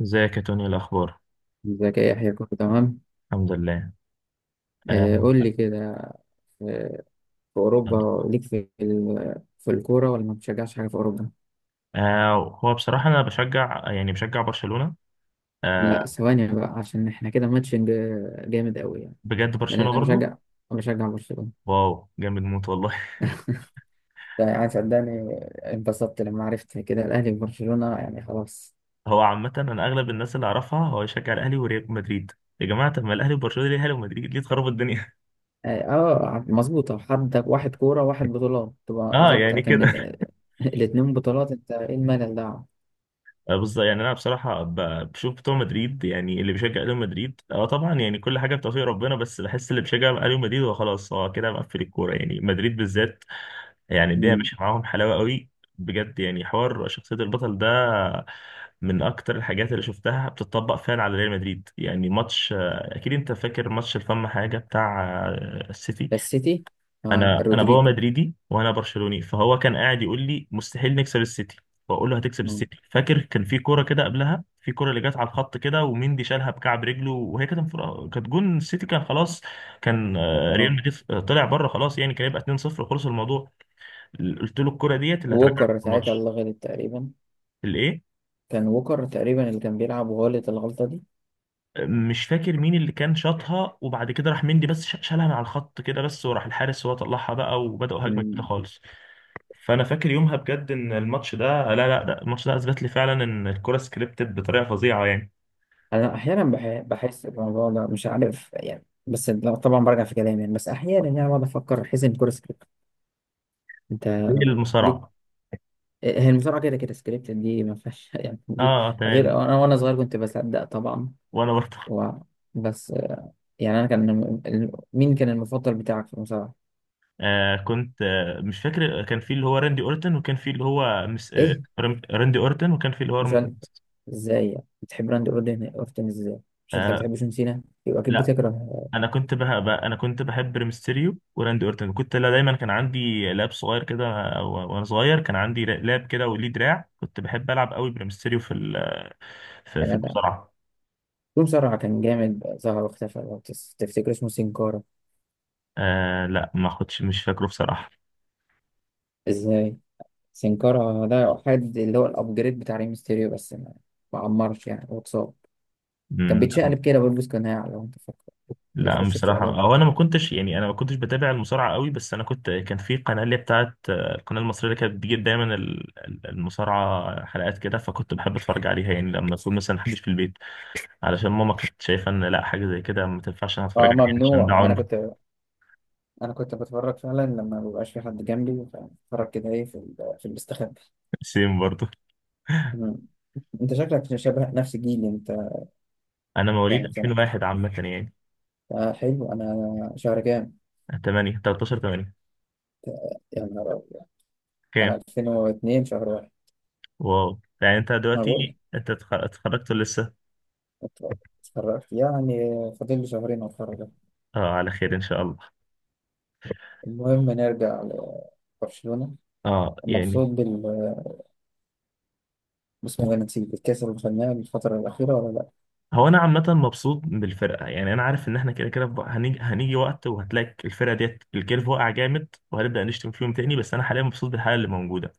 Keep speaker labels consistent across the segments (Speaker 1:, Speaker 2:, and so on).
Speaker 1: ازيك يا توني؟ إيه الاخبار؟
Speaker 2: ازيك يا يحيى، كله تمام.
Speaker 1: الحمد لله. آه.
Speaker 2: قول لي كده. آه، في أوروبا ليك في في الكورة، ولا ما بتشجعش حاجة في أوروبا؟
Speaker 1: آه، هو بصراحه انا بشجع، يعني بشجع برشلونه. آه،
Speaker 2: لا، ثواني بقى عشان احنا كده ماتشنج، جامد قوي يعني.
Speaker 1: بجد
Speaker 2: لأن
Speaker 1: برشلونه
Speaker 2: أنا
Speaker 1: برضو.
Speaker 2: بشجع، برشلونة.
Speaker 1: واو، جامد موت والله.
Speaker 2: ده يعني صدقني، انبسطت لما عرفت كده الأهلي وبرشلونة يعني خلاص.
Speaker 1: هو عامه اغلب الناس اللي اعرفها هو يشجع الاهلي وريال مدريد. يا جماعه، طب ما الاهلي وبرشلونه ليه؟ الاهلي ومدريد ليه؟ تخربوا الدنيا.
Speaker 2: اه، آه، مظبوطة، حد واحد كورة واحد بطولات تبقى
Speaker 1: اه
Speaker 2: ظابطة،
Speaker 1: يعني كده.
Speaker 2: لكن الاتنين بطولات انت، ايه الملل ده؟
Speaker 1: آه بالظبط. يعني انا بصراحه بشوف بتوع مدريد، يعني اللي بيشجع ريال مدريد اه طبعا، يعني كل حاجه بتوفيق ربنا، بس بحس اللي بيشجع ريال مدريد هو خلاص هو كده مقفل الكوره، يعني مدريد بالذات. يعني الدنيا
Speaker 2: مم.
Speaker 1: ماشيه معاهم حلاوه قوي. بجد يعني حوار شخصيه البطل ده من اكتر الحاجات اللي شفتها بتطبق فعلا على ريال مدريد. يعني ماتش، اكيد انت فاكر ماتش الفم حاجه بتاع السيتي.
Speaker 2: بس سيتي. اه
Speaker 1: انا بابا
Speaker 2: رودريجو.
Speaker 1: مدريدي وانا برشلوني، فهو كان قاعد يقول لي مستحيل نكسب السيتي. بقول له هتكسب
Speaker 2: اه
Speaker 1: السيتي. فاكر كان في كوره كده قبلها، في كوره اللي جت على الخط كده وميندي شالها بكعب رجله وهي كانت كانت جون السيتي، كان خلاص. كان ريال
Speaker 2: آه.
Speaker 1: مدريد طلع بره، خلاص يعني كان يبقى 2-0 وخلص الموضوع. قلت له الكرة ديت اللي هترجعك
Speaker 2: ووكر
Speaker 1: في
Speaker 2: ساعتها
Speaker 1: الماتش.
Speaker 2: اللي غلط تقريبا.
Speaker 1: الايه؟
Speaker 2: كان ووكر تقريبا اللي كان بيلعب وغلط الغلطة دي.
Speaker 1: مش فاكر مين اللي كان شاطها وبعد كده راح مندي بس شالها من على الخط كده بس، وراح الحارس هو طلعها بقى وبدأوا هجمة كده
Speaker 2: مم.
Speaker 1: خالص. فانا فاكر يومها بجد ان الماتش ده، لا لا، ده الماتش ده اثبت لي فعلا ان الكرة سكريبتد بطريقة فظيعة يعني.
Speaker 2: أنا أحيانا بحس بالموضوع ده، مش عارف يعني، بس لا، طبعا برجع في كلامي يعني، بس أحيانا يعني بقعد أفكر، أحس إن الكورة سكريبت. أنت
Speaker 1: زي
Speaker 2: ليك.
Speaker 1: المصارعة.
Speaker 2: هي المصارعة كده كده سكريبت، دي ما فيهاش يعني
Speaker 1: اه
Speaker 2: دي.
Speaker 1: آه، تمام.
Speaker 2: غير أنا وأنا صغير كنت بصدق طبعا.
Speaker 1: وانا برضه.
Speaker 2: و بس يعني أنا كان مين كان المفضل بتاعك في المصارعة؟
Speaker 1: آه كنت، آه مش فاكر، كان في اللي هو راندي اورتن وكان في اللي هو
Speaker 2: إيه؟
Speaker 1: راندي اورتن وكان في اللي هو
Speaker 2: مش
Speaker 1: رم-.
Speaker 2: أنا. إزاي يعني؟ بتحب راندي أورتن، أورتن إزاي؟ مش أنت
Speaker 1: آه
Speaker 2: بتحب جون سينا؟ يبقى أكيد
Speaker 1: لا،
Speaker 2: بتكره.
Speaker 1: انا كنت بقى, بقى انا كنت بحب ريمستيريو وراندي اورتن كنت، لا دايما كان عندي لاب صغير كده. او وانا صغير كان عندي لاب كده وليه دراع، كنت بحب العب قوي بريمستيريو في ال في
Speaker 2: يا جدع،
Speaker 1: المصارعه.
Speaker 2: في مصارع كان جامد، ظهر واختفى، لو تفتكر اسمه سينكارا.
Speaker 1: آه لا ما اخدش، مش فاكره بصراحه.
Speaker 2: ازاي، سينكارا ده حد اللي هو الابجريد بتاع ريم ستيريو، بس ما عمرش، يعني هو اتصاب، كان
Speaker 1: مم،
Speaker 2: بيتشقلب كده بيلبس قناع، لو انت فاكر.
Speaker 1: لا
Speaker 2: بيخش بشقلب.
Speaker 1: بصراحه او انا ما كنتش، يعني انا ما كنتش بتابع المصارعه قوي، بس انا كنت، كان في قناه اللي هي بتاعت القناه المصريه اللي كانت بتجيب دايما المصارعه حلقات كده، فكنت بحب اتفرج عليها يعني لما اكون مثلا محدش في البيت، علشان ماما كانت شايفه ان لا حاجه زي كده ما تنفعش انا اتفرج
Speaker 2: اه
Speaker 1: عليها عشان ده
Speaker 2: ممنوع، ما انا
Speaker 1: عنف.
Speaker 2: كنت، انا كنت بتفرج فعلا لما مبيبقاش في حد جنبي، بتفرج كده ايه في في المستخبى.
Speaker 1: سيم برضه.
Speaker 2: مم. انت شكلك شبه نفس جيلي انت،
Speaker 1: انا مواليد
Speaker 2: يعني في سنك.
Speaker 1: 2001 عامه يعني.
Speaker 2: آه حلو، انا شهر كام؟
Speaker 1: 8 13 8.
Speaker 2: يا نهار ابيض،
Speaker 1: كام؟
Speaker 2: انا 2002 شهر واحد.
Speaker 1: واو، يعني انت
Speaker 2: ما بقول
Speaker 1: دلوقتي انت اتخرجت لسه.
Speaker 2: اتخرجت يعني، فاضل لي شهرين واتخرج.
Speaker 1: اه على خير ان شاء الله.
Speaker 2: المهم نرجع لبرشلونة،
Speaker 1: اه يعني
Speaker 2: مبسوط بال، بسم الله، نسيت الكاس اللي خدناه الفترة الأخيرة ولا لأ؟
Speaker 1: هو انا عامه مبسوط بالفرقه، يعني انا عارف ان احنا كده كده هنيجي وقت وهتلاقي الفرقه ديت الكيرف واقع جامد وهنبدا نشتم فيهم تاني، بس انا حاليا مبسوط بالحاله اللي موجوده.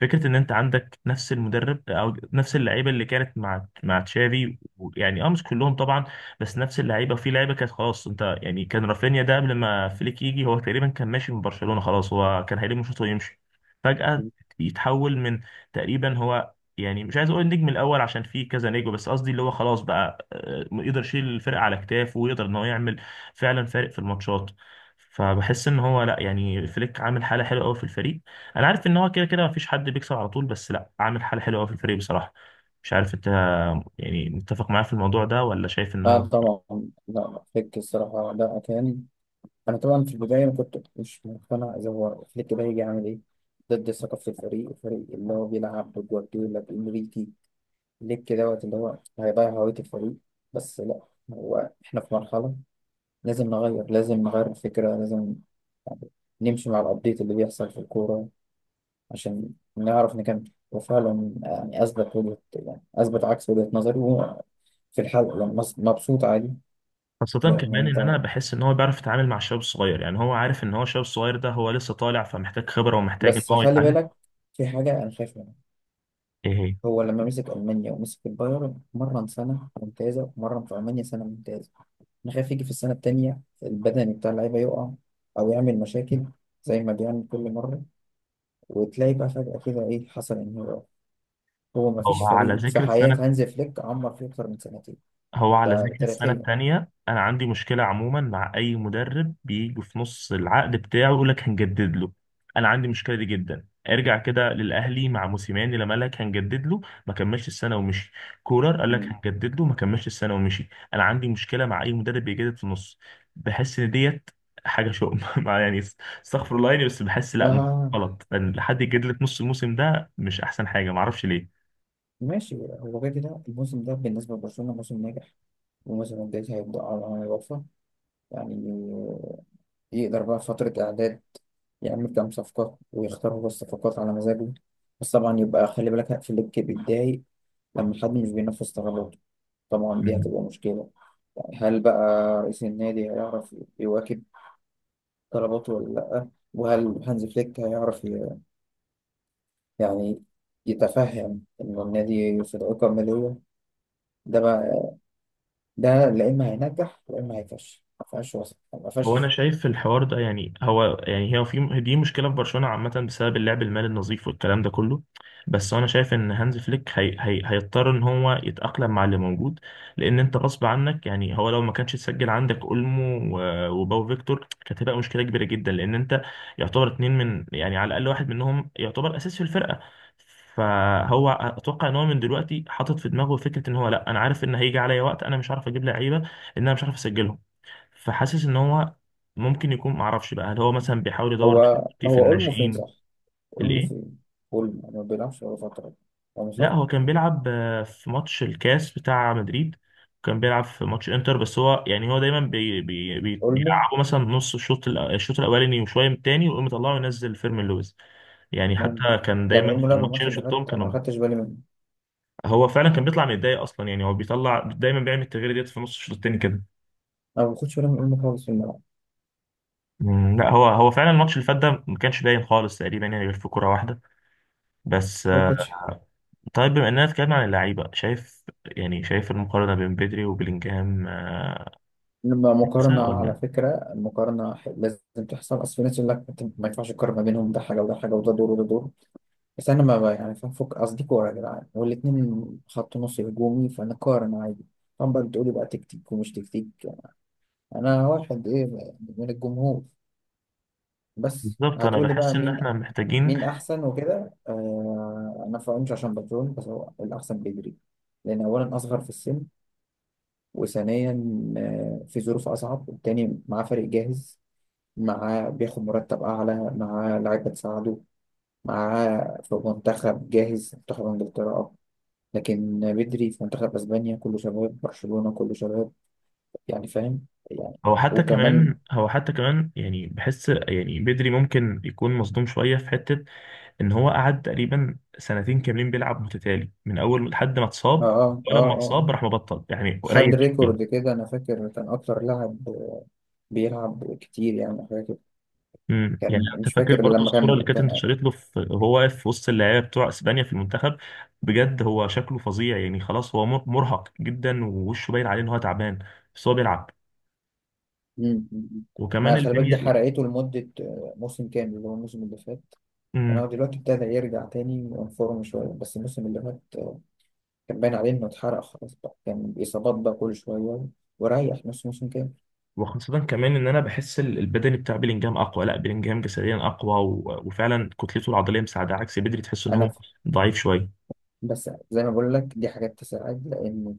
Speaker 1: فكره ان انت عندك نفس المدرب او نفس اللعيبه اللي كانت مع تشافي يعني اه مش كلهم طبعا، بس نفس اللعيبه، في لعيبه كانت خلاص، انت يعني كان رافينيا ده قبل ما فليك يجي هو تقريبا كان ماشي من برشلونه خلاص، هو كان هيلم شوطه ويمشي. فجاه يتحول من، تقريبا هو يعني مش عايز اقول النجم الاول عشان في كذا نجم، بس قصدي اللي هو خلاص بقى يقدر يشيل الفرقة على كتافه ويقدر ان هو يعمل فعلا فارق في الماتشات. فبحس ان هو، لا يعني فليك عامل حاله حلوه قوي في الفريق. انا عارف ان هو كده كده مفيش حد بيكسب على طول، بس لا عامل حاله حلوه قوي في الفريق بصراحه. مش عارف انت، يعني متفق معاه في الموضوع ده ولا شايف ان
Speaker 2: اه
Speaker 1: هو،
Speaker 2: طبعا، لا فليك الصراحة ده كان، أنا طبعا في البداية ما كنت مش مقتنع إذا هو فليك ده هيجي يعمل إيه، ضد ثقافة الفريق، الفريق اللي هو بيلعب بجوارديولا بإنريكي، ليك دوت اللي هو هيضيع هوية الفريق. بس لا، هو إحنا في مرحلة لازم نغير، لازم نغير الفكرة، لازم يعني نمشي مع الأبديت اللي بيحصل في الكورة عشان نعرف نكمل. وفعلا يعني أثبت وجهة، يعني أثبت عكس وجهة نظري، وهو في الحلقة لما مبسوط عادي.
Speaker 1: خاصة كمان
Speaker 2: لأنه
Speaker 1: ان انا
Speaker 2: طبعا،
Speaker 1: بحس ان هو بيعرف يتعامل مع الشباب الصغير، يعني هو عارف ان هو الشباب الصغير ده هو لسه طالع، فمحتاج خبرة ومحتاج ان
Speaker 2: بس
Speaker 1: هو
Speaker 2: خلي
Speaker 1: يتعلم.
Speaker 2: بالك في حاجة أنا خايف منها.
Speaker 1: ايه هي؟
Speaker 2: هو لما مسك ألمانيا ومسك البايرن، مرن سنة ممتازة، ومرن في ألمانيا سنة ممتازة. أنا خايف يجي في السنة التانية البدني بتاع اللعيبة يقع، أو يعمل مشاكل زي ما بيعمل كل مرة، وتلاقي بقى فجأة كده إيه حصل، انهيار. هو
Speaker 1: هو
Speaker 2: مفيش
Speaker 1: على
Speaker 2: فريق في
Speaker 1: ذكر
Speaker 2: حياة
Speaker 1: سنة،
Speaker 2: هانز فليك عمر فيه أكتر من سنتين،
Speaker 1: هو على ذكر
Speaker 2: ده
Speaker 1: السنة
Speaker 2: تاريخيا.
Speaker 1: التانية أنا عندي مشكلة عموما مع أي مدرب بيجي في نص العقد بتاعه يقول لك هنجدد له. أنا عندي المشكلة دي جدا. ارجع كده للأهلي مع موسيماني لما قال لك هنجدد له، ما كملش السنة ومشي. كولر قال لك
Speaker 2: مم.
Speaker 1: هنجدد له، ما كملش السنة ومشي. أنا عندي مشكلة مع أي مدرب بيجدد في النص. بحس إن ديت حاجة شؤم. يعني استغفر الله يعني، بس بحس لا
Speaker 2: آه
Speaker 1: غلط إن حد يجدد لك نص الموسم ده، مش أحسن حاجة معرفش
Speaker 2: ماشي، هو كده كده الموسم ده بالنسبة لبرشلونة موسم ناجح، والموسم الجاي هيبدأ على يوفى، يعني يقدر بقى في فترة إعداد يعمل كام صفقات ويختار هو الصفقات على مزاجه. بس طبعا يبقى خلي بالك، في ليك بيتضايق لما حد مش بينفذ تطلباته، طبعا دي
Speaker 1: ليه.
Speaker 2: هتبقى مشكلة. يعني هل بقى رئيس النادي هيعرف يواكب طلباته ولا لأ، وهل هانز فليك هيعرف يعني يتفهم إن النادي في الرقم مليون؟ ده بقى، ده لا إما هينجح لا إما هيفشل، ما فيهاش وسط ما
Speaker 1: هو
Speaker 2: فيهاش.
Speaker 1: انا شايف في الحوار ده، يعني هو يعني هي في دي مشكله في برشلونه عامه بسبب اللعب المالي النظيف والكلام ده كله، بس انا شايف ان هانز فليك هي هيضطر ان هو يتاقلم مع اللي موجود، لان انت غصب عنك. يعني هو لو ما كانش تسجل عندك اولمو وباو فيكتور كانت هتبقى مشكله كبيره جدا، لان انت يعتبر اتنين، من يعني على الاقل واحد منهم يعتبر اساس في الفرقه. فهو اتوقع ان هو من دلوقتي حاطط في دماغه فكره ان هو، لا انا عارف ان هيجي عليا وقت انا مش عارف اجيب لعيبه لان انا مش عارف اسجلهم. فحاسس ان هو ممكن يكون معرفش بقى هل هو مثلا بيحاول يدور
Speaker 2: هو
Speaker 1: من دلوقتي في
Speaker 2: هو أولمو فين
Speaker 1: الناشئين.
Speaker 2: صح؟ أولمو
Speaker 1: الايه؟
Speaker 2: فين؟ أولمو ما بيلعبش ولا فترة، هو
Speaker 1: لا
Speaker 2: مصاب.
Speaker 1: هو كان بيلعب في ماتش الكاس بتاع مدريد، وكان بيلعب في ماتش انتر، بس هو يعني هو دايما بي بي بي
Speaker 2: أولمو
Speaker 1: بيلعبوا مثلا نص الشوط الشوط الاولاني وشويه من التاني ويقوم يطلعه ينزل فيرمين لويس. يعني
Speaker 2: مم-
Speaker 1: حتى كان
Speaker 2: يعني
Speaker 1: دايما
Speaker 2: أولمو
Speaker 1: في
Speaker 2: لعب
Speaker 1: الماتشين
Speaker 2: الماتش
Speaker 1: اللي
Speaker 2: اللي
Speaker 1: شفتهم
Speaker 2: فات أنا ما
Speaker 1: كانوا،
Speaker 2: خدتش بالي منه.
Speaker 1: هو فعلا كان بيطلع من الدقايق اصلا، يعني هو بيطلع دايما بيعمل التغيير ديت في نص الشوط التاني كده.
Speaker 2: أنا ما باخدش بالي من أولمو خالص في الملعب.
Speaker 1: مم، لا هو فعلا الماتش اللي فات ده ما كانش باين خالص تقريبا، يعني غير في كرة واحدة بس.
Speaker 2: هو كوتش.
Speaker 1: طيب بما اننا اتكلمنا عن اللعيبه، شايف يعني، شايف المقارنه بين بدري وبلينجهام آه،
Speaker 2: لما
Speaker 1: كويسه
Speaker 2: مقارنة على
Speaker 1: ولا؟
Speaker 2: فكرة، المقارنة لازم تحصل، أصل الناس يقول لك أنت ما ينفعش تقارن ما بينهم، ده حاجة وده حاجة، وده دور وده دور. بس انا ما بقى يعني فاهم، فك قصدي كوره يا جدعان والاتنين خط نص هجومي، فانا قارن عادي. طبعا بقى بتقولي بقى تكتيك ومش تكتيك، انا واحد ايه من الجمهور. بس
Speaker 1: بالظبط انا
Speaker 2: هتقولي
Speaker 1: بحس
Speaker 2: بقى
Speaker 1: ان
Speaker 2: مين،
Speaker 1: احنا محتاجين،
Speaker 2: مين احسن وكده. آه انا فاهمش عشان برشلونه، بس هو الاحسن بدري، لان اولا اصغر في السن، وثانيا في ظروف اصعب، والتاني معاه فريق جاهز، معاه بياخد مرتب اعلى، معاه لعيبه تساعده، معاه في منتخب جاهز منتخب انجلترا، لكن بدري في منتخب اسبانيا كله شباب، برشلونة كله شباب. يعني فاهم يعني.
Speaker 1: هو حتى
Speaker 2: وكمان
Speaker 1: كمان هو حتى كمان يعني بحس يعني بدري ممكن يكون مصدوم شويه في حته، ان هو قعد تقريبا سنتين كاملين بيلعب متتالي من اول لحد ما
Speaker 2: اه
Speaker 1: اتصاب.
Speaker 2: اه اه آه.
Speaker 1: ولما
Speaker 2: آه.
Speaker 1: اتصاب راح مبطل يعني،
Speaker 2: خد
Speaker 1: ريح
Speaker 2: ريكورد
Speaker 1: شويه.
Speaker 2: كده، انا فاكر كان اكتر لاعب بيلعب كتير يعني حاجة كده،
Speaker 1: يعني
Speaker 2: كان مش
Speaker 1: انت فاكر
Speaker 2: فاكر
Speaker 1: برضو
Speaker 2: لما
Speaker 1: الصوره اللي كانت
Speaker 2: كان.
Speaker 1: انتشرت له، في هو واقف في وسط اللعيبه بتوع اسبانيا في المنتخب. بجد هو شكله فظيع، يعني خلاص هو مرهق جدا ووشه باين عليه ان هو تعبان، بس هو بيلعب.
Speaker 2: مم. مم.
Speaker 1: وكمان
Speaker 2: ما خلي بالك
Speaker 1: البنيه.
Speaker 2: دي حرقته لمدة موسم كامل اللي هو الموسم اللي فات. يعني
Speaker 1: امم.
Speaker 2: هو دلوقتي ابتدى يرجع تاني وانفورم شوية، بس الموسم اللي فات كان باين عليه إنه اتحرق خلاص بقى، كان إصابات بقى كل شوية، وريح نص موسم كامل.
Speaker 1: وخاصه كمان ان انا بحس البدني بتاع بيلينجهام اقوى، لا بيلينجهام جسديا اقوى و... وفعلا كتلته العضليه مساعده، عكس بدري تحس ان هو
Speaker 2: أنا
Speaker 1: ضعيف شويه.
Speaker 2: بس زي ما بقول لك دي حاجات تساعد، لأن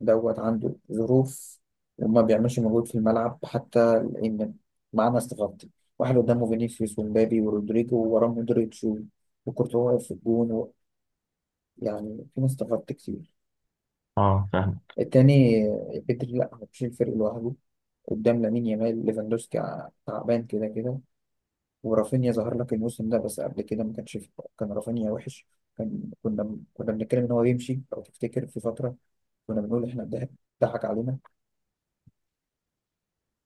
Speaker 2: دوت عنده ظروف، وما بيعملش مجهود في الملعب حتى، لأن معانا استغربت، واحد قدامه فينيسيوس ومبابي ورودريجو، ووراه مودريتش و وكورتوا واقف في الجون. و... يعني في ناس استغربت كتير.
Speaker 1: اه فاهم.
Speaker 2: التاني بدري لا هو مش الفريق لوحده، قدام لامين يامال ليفاندوسكي تعبان كده كده، ورافينيا ظهر لك الموسم ده، بس قبل كده ما كانش كان رافينيا وحش. كان كنا كنا بنتكلم ان هو يمشي لو تفتكر، في فتره كنا بنقول احنا الضحك ضحك علينا.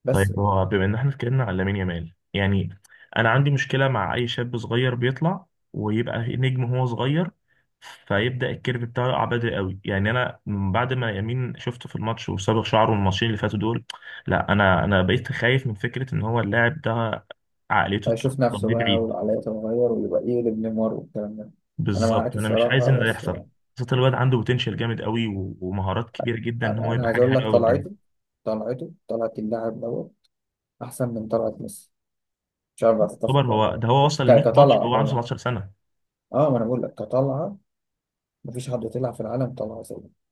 Speaker 2: بس
Speaker 1: طيب هو بما ان احنا اتكلمنا على لامين يامال يعني، انا عندي مشكله مع اي شاب صغير بيطلع ويبقى نجم هو صغير، فيبدا الكيرف بتاعه يقع بدري قوي. يعني انا من بعد ما يمين شفته في الماتش وصابغ شعره الماتشين اللي فاتوا دول، لا انا بقيت خايف من فكره ان هو اللاعب ده عقليته
Speaker 2: هيشوف نفسه
Speaker 1: توديه
Speaker 2: بقى
Speaker 1: بعيد.
Speaker 2: والعلاقات تتغير ويبقى ايه لابن نمر والكلام ده. انا
Speaker 1: بالظبط
Speaker 2: معاك
Speaker 1: انا مش عايز ان
Speaker 2: الصراحه،
Speaker 1: ده
Speaker 2: بس
Speaker 1: يحصل. خاصه الواد عنده بوتنشال جامد قوي ومهارات كبيره جدا، ان
Speaker 2: انا
Speaker 1: هو
Speaker 2: أنا
Speaker 1: يبقى
Speaker 2: عايز
Speaker 1: حاجه
Speaker 2: اقول
Speaker 1: حلوه
Speaker 2: لك
Speaker 1: قوي قدام.
Speaker 2: طلعت اللاعب دوت احسن من طلعت ميسي، مش عارف
Speaker 1: يعتبر
Speaker 2: هتتفق ولا
Speaker 1: هو ده هو
Speaker 2: لا.
Speaker 1: وصل 100 ماتش
Speaker 2: كطلعه
Speaker 1: وهو عنده
Speaker 2: طبعا.
Speaker 1: 17 سنة سنه.
Speaker 2: اه ما انا بقول لك كطلعه، مفيش حد طلع في العالم طلع زيه.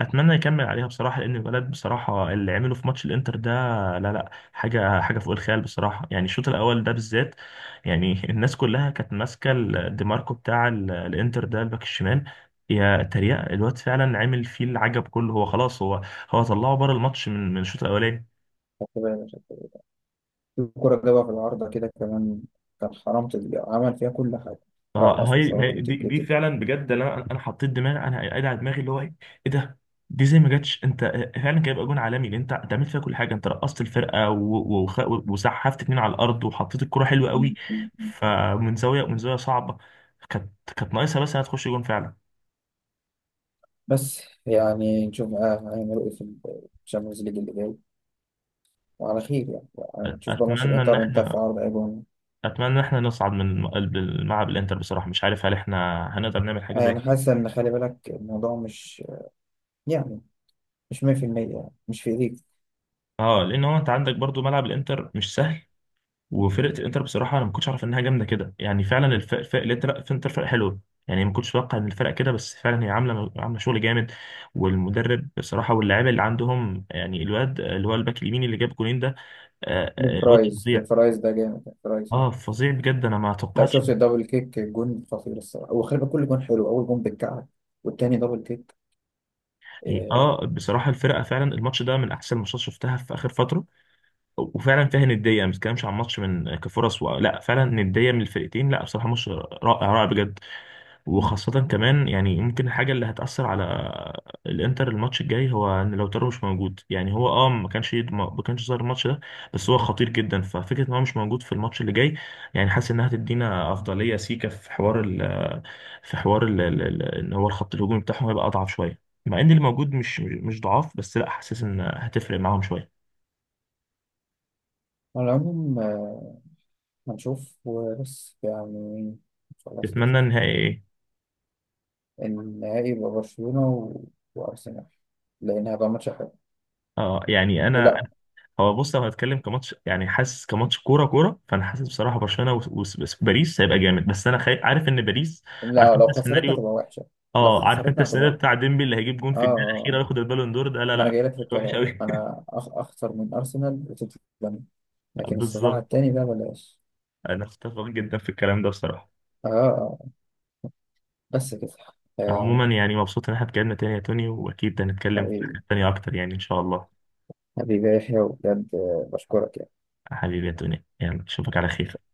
Speaker 1: اتمنى يكمل عليها بصراحه، لان الولد بصراحه اللي عمله في ماتش الانتر ده، لا لا حاجه، حاجه فوق الخيال بصراحه، يعني الشوط الاول ده بالذات. يعني الناس كلها كانت ماسكه دي ماركو بتاع الانتر ده، الباك الشمال. يا تريقه، الواد فعلا عامل فيه العجب كله. هو خلاص هو، هو طلعه بره الماتش من الشوط الاولاني.
Speaker 2: خدت بالك في كرة جابها في العارضة كده كمان، كان حرام تضيع، عمل فيها كل حاجة.
Speaker 1: ما هو-
Speaker 2: رقص
Speaker 1: هي ما
Speaker 2: وشاط
Speaker 1: هي دي فعلا بجد، انا حطيت دماغي انا قاعد على دماغي اللي هو ايه؟ ايه ده؟ دي زي ما جاتش انت، فعلا كان يبقى جون عالمي. لان انت، انت عملت فيها كل حاجه، انت رقصت الفرقه وسحبت اتنين على الارض وحطيت الكرة حلوه قوي.
Speaker 2: وتكتك.
Speaker 1: فمن زاويه، من زاويه صعبه، كانت، كانت ناقصها بس انها تخش جون فعلا.
Speaker 2: بس يعني نشوف هيعملوا ايه في الشامبيونز ليج اللي جاي، وعلى خير يعني. يعني نشوف بقى ماتش
Speaker 1: اتمنى ان
Speaker 2: الانتر انت في
Speaker 1: احنا،
Speaker 2: عرض ايبون.
Speaker 1: اتمنى ان احنا نصعد من قلب الملعب الانتر بصراحه، مش عارف هل احنا هنقدر نعمل حاجه زي
Speaker 2: انا
Speaker 1: كده.
Speaker 2: حاسس ان خلي بالك الموضوع مش يعني مش 100%، يعني مش في ايديك.
Speaker 1: اه لان هو انت عندك برضو ملعب الانتر مش سهل، وفرقه الانتر بصراحه انا ما كنتش اعرف انها جامده كده، يعني فعلا الف... الف... الانتر الانتر فرقه حلوه. يعني ما كنتش اتوقع ان الفرقه كده، بس فعلا هي عامله شغل جامد. والمدرب بصراحه واللاعيبه اللي عندهم، يعني الواد اللي هو الباك اليمين اللي جاب جولين ده،
Speaker 2: دي
Speaker 1: الواد
Speaker 2: فرايز دي
Speaker 1: فظيع.
Speaker 2: فرايز ده جامد، دي فرايز يعني.
Speaker 1: اه فظيع بجد، انا ما
Speaker 2: لا
Speaker 1: توقعتش.
Speaker 2: شفت الدبل كيك، جون خطير الصراحه، وخلي بالك كل جون حلو، اول جون بالكعب، والتاني دبل كيك. آه،
Speaker 1: اه بصراحه الفرقه فعلا، الماتش ده من احسن الماتشات شفتها في اخر فتره، وفعلا فيها نديه. ما بتكلمش عن ماتش من كفرص و... لا فعلا نديه من الفرقتين، لا بصراحه ماتش رائع رائع بجد. وخاصة كمان يعني، يمكن الحاجة اللي هتأثر على الانتر الماتش الجاي هو ان لوتارو مش موجود، يعني هو اه ما كانش، ما كانش ظاهر الماتش ده بس هو خطير جدا. ففكرة ان هو مش موجود في الماتش اللي جاي، يعني حاسس انها هتدينا افضلية سيكا في حوار ال، في حوار ان هو الخط الهجومي بتاعهم هيبقى اضعف شوية. مع ان اللي موجود مش، مش ضعاف، بس لا حاسس ان هتفرق معاهم شوية.
Speaker 2: على العموم هنشوف وبس يعني، خلاص كده.
Speaker 1: تتمنى النهائي ايه؟
Speaker 2: النهائي يبقى برشلونه و- وارسنال، لانها بقى ماتش حلو
Speaker 1: اه يعني انا،
Speaker 2: ولا
Speaker 1: هو بص لو هنتكلم كماتش، يعني حاسس كماتش كوره كوره، فانا حاسس بصراحه برشلونه وباريس هيبقى جامد، بس انا خايف، عارف ان باريس، عارف
Speaker 2: لا.
Speaker 1: انت
Speaker 2: لو خسرتنا
Speaker 1: السيناريو.
Speaker 2: تبقى وحشه، لو
Speaker 1: اه عارف انت
Speaker 2: خسرتنا هتبقى،
Speaker 1: السيناريو
Speaker 2: اه
Speaker 1: بتاع ديمبلي اللي هيجيب جون في
Speaker 2: اه
Speaker 1: الدقيقه الاخيره
Speaker 2: آه.
Speaker 1: وياخد البالون دور ده. لا
Speaker 2: ما انا
Speaker 1: لا
Speaker 2: جاي لك في
Speaker 1: وحش
Speaker 2: الكلام،
Speaker 1: قوي.
Speaker 2: انا اخسر من ارسنال وتوتنهام. لكن الصراع
Speaker 1: بالظبط.
Speaker 2: التاني ده بلاش.
Speaker 1: انا اتفق جدا في الكلام ده بصراحه.
Speaker 2: اه اه آه. بس كده. آه
Speaker 1: عموما يعني مبسوط ان احنا اتكلمنا تاني يا توني، واكيد هنتكلم في
Speaker 2: حبيبي،
Speaker 1: حاجات تانيه اكتر يعني ان شاء الله.
Speaker 2: حبيبي يا يحيى، وبجد بشكرك يعني.
Speaker 1: حبيبي يا توني، يلا اشوفك على خير.